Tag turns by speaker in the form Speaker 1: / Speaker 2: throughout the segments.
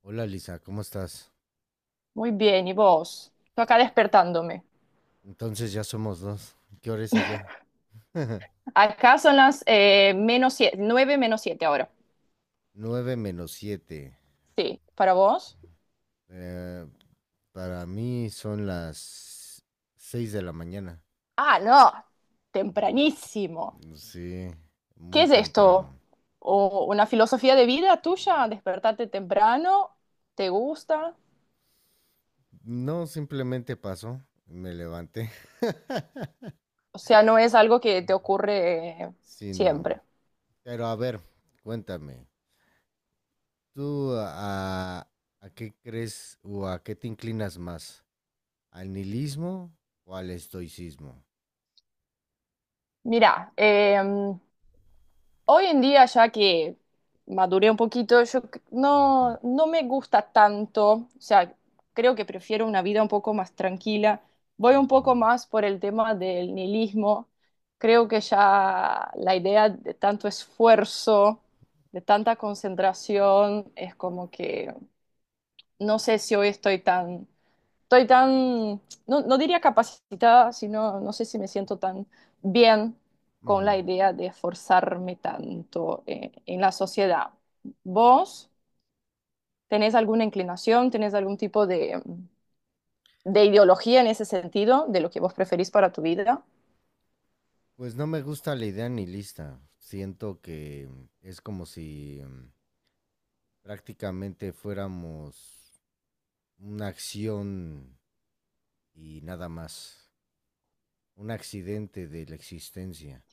Speaker 1: Hola Lisa, ¿cómo estás?
Speaker 2: Muy bien, ¿y vos? Estoy acá despertándome.
Speaker 1: Entonces ya somos dos. ¿Qué hora es allá?
Speaker 2: Acá son las menos siete, 9 menos 7 ahora.
Speaker 1: 9 menos 7.
Speaker 2: Sí, ¿para vos?
Speaker 1: Para mí son las 6 de la mañana.
Speaker 2: Ah, no, tempranísimo.
Speaker 1: Sí,
Speaker 2: ¿Qué
Speaker 1: muy
Speaker 2: es esto?
Speaker 1: temprano.
Speaker 2: ¿O una filosofía de vida tuya? ¿Despertarte temprano? ¿Te gusta?
Speaker 1: No, simplemente pasó, me levanté.
Speaker 2: O sea, no es algo que te ocurre
Speaker 1: Sí, no.
Speaker 2: siempre.
Speaker 1: Pero a ver, cuéntame, ¿tú a qué crees o a qué te inclinas más? ¿Al nihilismo o al estoicismo?
Speaker 2: Mira, hoy en día, ya que maduré un poquito,
Speaker 1: Ujú,
Speaker 2: no, me gusta tanto, o sea, creo que prefiero una vida un poco más tranquila. Voy un poco
Speaker 1: ujú,
Speaker 2: más por el tema del nihilismo. Creo que ya la idea de tanto esfuerzo, de tanta concentración, es como que no sé si hoy estoy tan, no, no diría capacitada, sino no sé si me siento tan bien con
Speaker 1: ujú.
Speaker 2: la idea de esforzarme tanto en la sociedad. ¿Vos tenés alguna inclinación, tenés algún tipo de ideología en ese sentido, de lo que vos preferís para tu vida?
Speaker 1: Pues no me gusta la idea ni lista. Siento que es como si prácticamente fuéramos una acción y nada más. Un accidente de la existencia.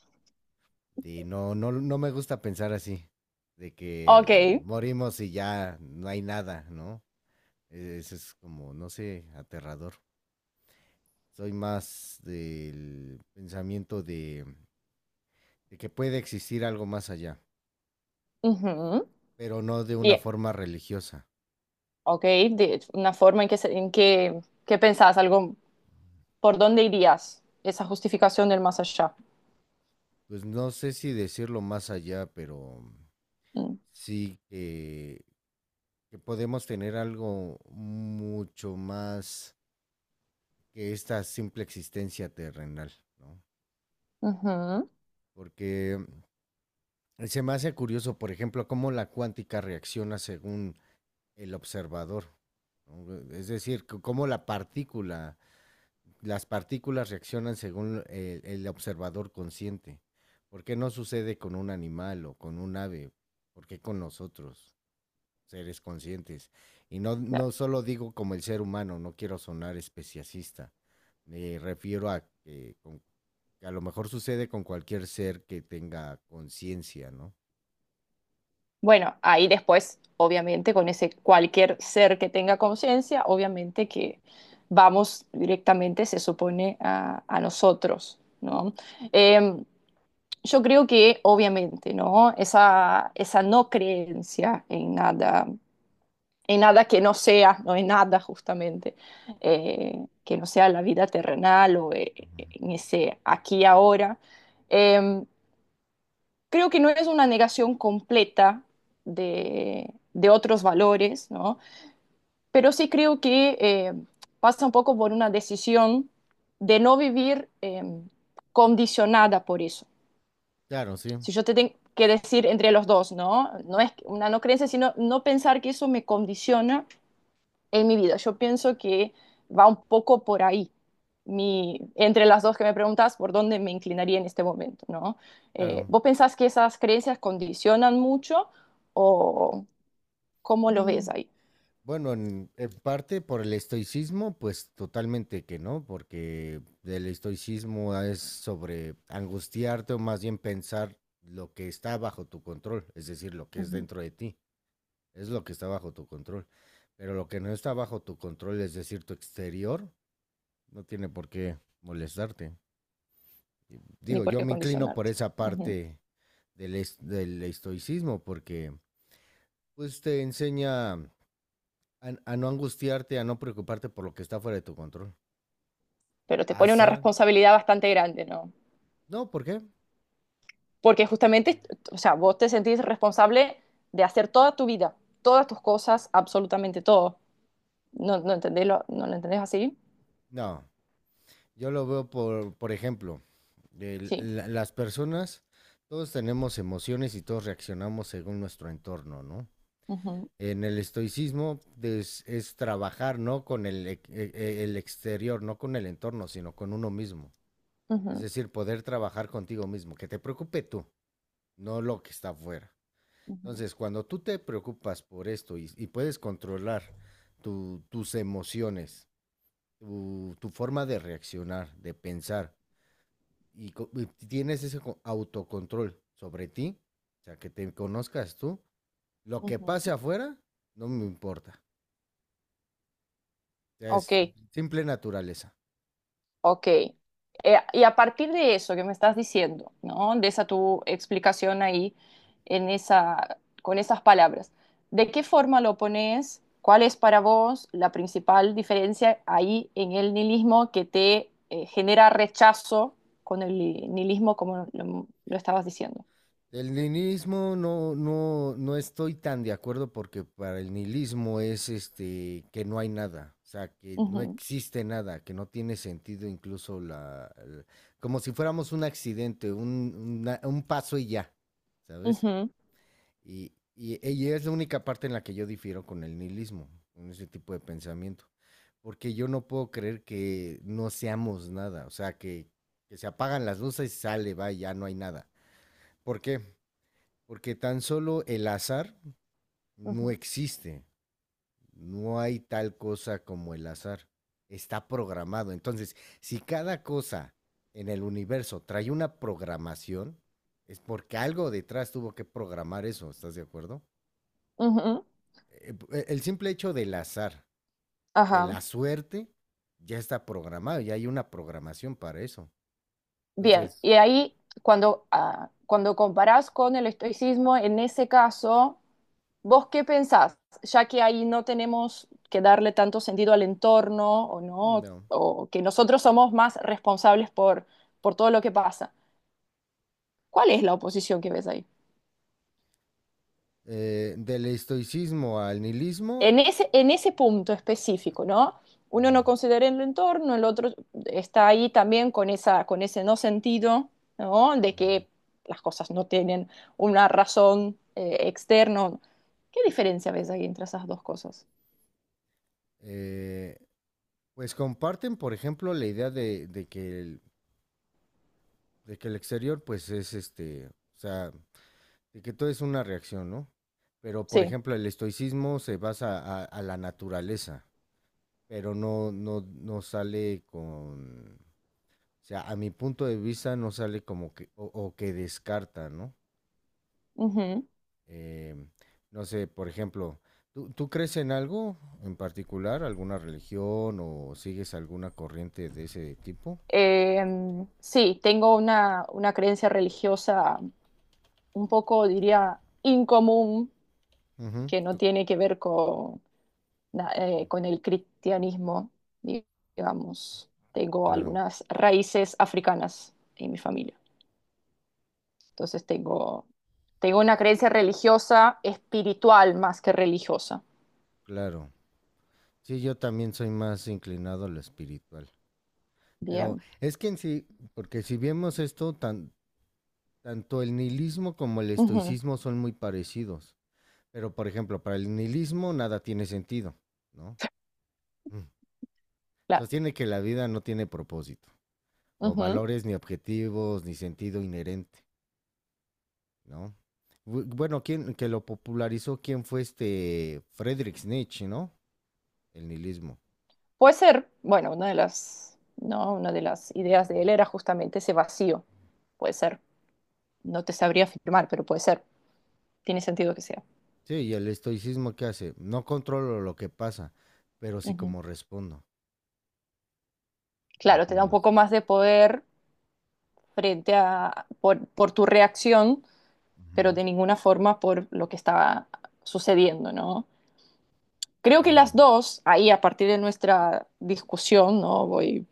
Speaker 1: Y no, no, no me gusta pensar así. De que
Speaker 2: Ok,
Speaker 1: morimos y ya no hay nada, ¿no? Eso es como, no sé, aterrador. Soy más del pensamiento de que puede existir algo más allá,
Speaker 2: ujú,
Speaker 1: pero no de una
Speaker 2: bien,
Speaker 1: forma religiosa.
Speaker 2: ok, de una forma en en que, ¿qué pensás? Algo, ¿por dónde irías? Esa justificación del más allá.
Speaker 1: Pues no sé si decirlo más allá, pero
Speaker 2: Mm,
Speaker 1: sí que podemos tener algo mucho más que esta simple existencia terrenal, ¿no?
Speaker 2: ujú,
Speaker 1: Porque se me hace curioso, por ejemplo, cómo la cuántica reacciona según el observador. ¿No? Es decir, cómo las partículas reaccionan según el observador consciente. ¿Por qué no sucede con un animal o con un ave? ¿Por qué con nosotros, seres conscientes? Y no,
Speaker 2: claro.
Speaker 1: no solo digo como el ser humano, no quiero sonar especiacista. Me refiero a que, que a lo mejor sucede con cualquier ser que tenga conciencia, ¿no?
Speaker 2: Bueno, ahí después, obviamente, con ese cualquier ser que tenga conciencia, obviamente que vamos directamente, se supone, a nosotros, ¿no? Eh, yo creo que, obviamente, ¿no? Esa no creencia en nada que no sea, no en nada justamente, que no sea la vida terrenal o
Speaker 1: Ujú.
Speaker 2: en ese aquí y ahora, eh, creo que no es una negación completa de otros valores, ¿no? Pero sí creo que pasa un poco por una decisión de no vivir condicionada por eso.
Speaker 1: Claro, sí,
Speaker 2: Si yo te tengo que decir entre los dos, ¿no? No es una no creencia, sino no pensar que eso me condiciona en mi vida. Yo pienso que va un poco por ahí. Mi, entre las dos que me preguntas, por dónde me inclinaría en este momento, ¿no?
Speaker 1: claro.
Speaker 2: ¿Vos pensás que esas creencias condicionan mucho o cómo lo ves
Speaker 1: Mm,
Speaker 2: ahí?
Speaker 1: Bueno, en parte por el estoicismo, pues totalmente que no, porque el estoicismo es sobre angustiarte o más bien pensar lo que está bajo tu control, es decir, lo que es
Speaker 2: Ujú.
Speaker 1: dentro de ti. Es lo que está bajo tu control. Pero lo que no está bajo tu control, es decir, tu exterior, no tiene por qué molestarte.
Speaker 2: Ni
Speaker 1: Digo,
Speaker 2: por
Speaker 1: yo
Speaker 2: qué
Speaker 1: me inclino por
Speaker 2: condicionarte.
Speaker 1: esa
Speaker 2: Ujú.
Speaker 1: parte del estoicismo, porque pues te enseña a no angustiarte, a no preocuparte por lo que está fuera de tu control.
Speaker 2: Pero te pone una
Speaker 1: ¿Pasa?
Speaker 2: responsabilidad bastante grande, ¿no?
Speaker 1: No, ¿por qué?
Speaker 2: Porque justamente, o sea, vos te sentís responsable de hacer toda tu vida, todas tus cosas, absolutamente todo. ¿No, no entendés lo, no lo entendés así?
Speaker 1: No. Yo lo veo por ejemplo,
Speaker 2: Sí.
Speaker 1: las personas, todos tenemos emociones y todos reaccionamos según nuestro entorno, ¿no?
Speaker 2: Ujú,
Speaker 1: En el estoicismo es trabajar no con el exterior, no con el entorno, sino con uno mismo. Es
Speaker 2: ujú,
Speaker 1: decir, poder trabajar contigo mismo, que te preocupe tú, no lo que está afuera.
Speaker 2: ujú.
Speaker 1: Entonces, cuando tú te preocupas por esto y puedes controlar tus emociones, tu forma de reaccionar, de pensar, y tienes ese autocontrol sobre ti, o sea, que te conozcas tú, lo que pase
Speaker 2: Ujú.
Speaker 1: afuera no me importa. Sea, es
Speaker 2: Ok,
Speaker 1: simple naturaleza.
Speaker 2: ok. Y a partir de eso que me estás diciendo, ¿no? De esa tu explicación ahí, en esa, con esas palabras, ¿de qué forma lo pones? ¿Cuál es para vos la principal diferencia ahí en el nihilismo que te genera rechazo con el nihilismo como lo estabas diciendo?
Speaker 1: El nihilismo no, no, no estoy tan de acuerdo porque para el nihilismo es este que no hay nada, o sea, que no
Speaker 2: Ujú,
Speaker 1: existe nada, que no tiene sentido incluso como si fuéramos un accidente, un paso y ya, ¿sabes?
Speaker 2: ujú,
Speaker 1: Y es la única parte en la que yo difiero con el nihilismo, con ese tipo de pensamiento. Porque yo no puedo creer que no seamos nada, o sea, que se apagan las luces y sale, va, y ya no hay nada. ¿Por qué? Porque tan solo el azar no
Speaker 2: ujú,
Speaker 1: existe, no hay tal cosa como el azar, está programado. Entonces, si cada cosa en el universo trae una programación, es porque algo detrás tuvo que programar eso, ¿estás de acuerdo?
Speaker 2: ujú.
Speaker 1: eh, el simple hecho del azar, de
Speaker 2: Ajá.
Speaker 1: la suerte, ya está programado, ya hay una programación para eso.
Speaker 2: Bien,
Speaker 1: Entonces,
Speaker 2: y ahí cuando comparás con el estoicismo, en ese caso, ¿vos qué pensás? Ya que ahí no tenemos que darle tanto sentido al entorno o no,
Speaker 1: no.
Speaker 2: o que nosotros somos más responsables por todo lo que pasa. ¿Cuál es la oposición que ves ahí?
Speaker 1: Del estoicismo al nihilismo,
Speaker 2: En ese punto específico, ¿no?
Speaker 1: uh
Speaker 2: Uno
Speaker 1: -huh,
Speaker 2: no considera el entorno, el otro está ahí también con ese no sentido, ¿no?
Speaker 1: uh
Speaker 2: De
Speaker 1: -huh.
Speaker 2: que las cosas no tienen una razón externa. ¿Qué diferencia ves ahí entre esas dos cosas?
Speaker 1: Eh, pues comparten, por ejemplo, la idea de que el exterior, pues es este, o sea, de que todo es una reacción, ¿no? Pero, por
Speaker 2: Sí.
Speaker 1: ejemplo, el estoicismo se basa a la naturaleza, pero no, no, no sale con. O sea, a mi punto de vista no sale como que, o que descarta, ¿no?
Speaker 2: Ujú.
Speaker 1: Em, no sé, por ejemplo, ¿tú crees en algo en particular, alguna religión o sigues alguna corriente de ese tipo?
Speaker 2: Eh, sí, tengo una creencia religiosa un poco, diría, incomún
Speaker 1: Ujú,
Speaker 2: que no tiene que ver con, con el cristianismo, di- digamos. Tengo
Speaker 1: claro,
Speaker 2: algunas raíces africanas en mi familia. Entonces tengo una creencia religiosa, espiritual más que religiosa.
Speaker 1: claro. Sí, yo también soy más inclinado a lo espiritual. Pero
Speaker 2: Bien.
Speaker 1: es que en sí, porque si vemos esto, tanto el nihilismo como el
Speaker 2: Ujú,
Speaker 1: estoicismo son muy parecidos. Pero, por ejemplo, para el nihilismo nada tiene sentido, ¿no?
Speaker 2: claro.
Speaker 1: Sostiene que la vida no tiene propósito, o
Speaker 2: Ujú.
Speaker 1: valores, ni objetivos, ni sentido inherente, ¿no? Bueno, quien que lo popularizó, quién fue este Friedrich Nietzsche, ¿no? El nihilismo.
Speaker 2: Puede ser, bueno, una de las, no, una de las ideas de él era justamente ese vacío. Puede ser. No te sabría afirmar, pero puede ser. Tiene sentido que sea.
Speaker 1: Sí, y el estoicismo qué hace, no controlo lo que pasa, pero sí
Speaker 2: Ujú.
Speaker 1: como respondo,
Speaker 2: Claro, te da un
Speaker 1: ¿entiendes?
Speaker 2: poco más de poder frente a, por tu reacción,
Speaker 1: Ujú,
Speaker 2: pero de ninguna forma por lo que estaba sucediendo, ¿no? Creo que las
Speaker 1: claro.
Speaker 2: dos, ahí a partir de nuestra discusión, ¿no? Voy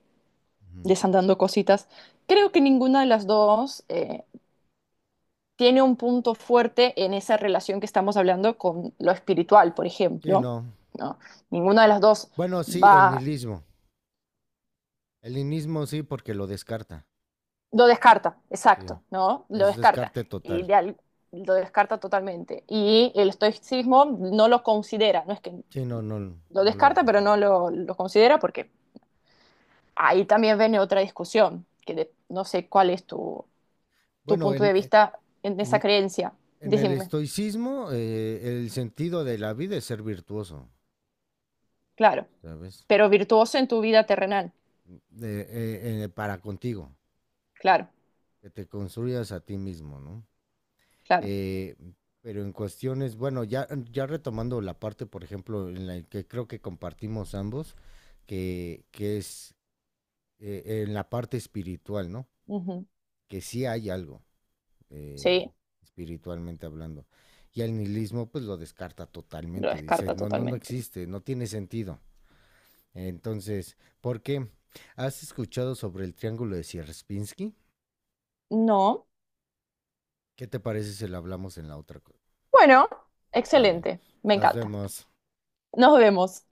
Speaker 1: Ujú.
Speaker 2: desandando cositas, creo que ninguna de las dos tiene un punto fuerte en esa relación que estamos hablando con lo espiritual, por
Speaker 1: Sí,
Speaker 2: ejemplo,
Speaker 1: no.
Speaker 2: ¿no? Ninguna de las dos
Speaker 1: Bueno, sí, el
Speaker 2: va.
Speaker 1: nihilismo. El nihilismo sí, porque lo descarta.
Speaker 2: Lo descarta,
Speaker 1: Sí.
Speaker 2: exacto, ¿no? Lo
Speaker 1: Es
Speaker 2: descarta.
Speaker 1: descarte
Speaker 2: Y
Speaker 1: total.
Speaker 2: lo descarta totalmente. Y el estoicismo no lo considera, no es que
Speaker 1: Sí, no, no,
Speaker 2: lo
Speaker 1: no lo.
Speaker 2: descarta, pero no lo considera porque ahí también viene otra discusión, no sé cuál es tu, tu
Speaker 1: Bueno,
Speaker 2: punto de vista en esa
Speaker 1: en,
Speaker 2: creencia.
Speaker 1: En el
Speaker 2: Decime,
Speaker 1: estoicismo, el sentido de la vida es ser virtuoso,
Speaker 2: claro,
Speaker 1: ¿sabes?
Speaker 2: pero virtuoso en tu vida terrenal,
Speaker 1: Para contigo,
Speaker 2: claro,
Speaker 1: que te construyas a ti mismo, ¿no?
Speaker 2: claro.
Speaker 1: Eh, pero en cuestiones, bueno, ya, ya retomando la parte, por ejemplo, en la que creo que compartimos ambos, que es en la parte espiritual, ¿no?
Speaker 2: Ujú.
Speaker 1: Que sí hay algo, eh,
Speaker 2: Sí,
Speaker 1: espiritualmente hablando. Y el nihilismo, pues lo descarta
Speaker 2: lo
Speaker 1: totalmente, dice,
Speaker 2: descarta
Speaker 1: no, no, no
Speaker 2: totalmente.
Speaker 1: existe, no tiene sentido. Entonces, ¿por qué? ¿Has escuchado sobre el triángulo de Sierpinski?
Speaker 2: No,
Speaker 1: ¿Qué te parece si lo hablamos en la otra?
Speaker 2: bueno,
Speaker 1: Vale,
Speaker 2: excelente, me
Speaker 1: nos
Speaker 2: encanta.
Speaker 1: vemos.
Speaker 2: Nos vemos.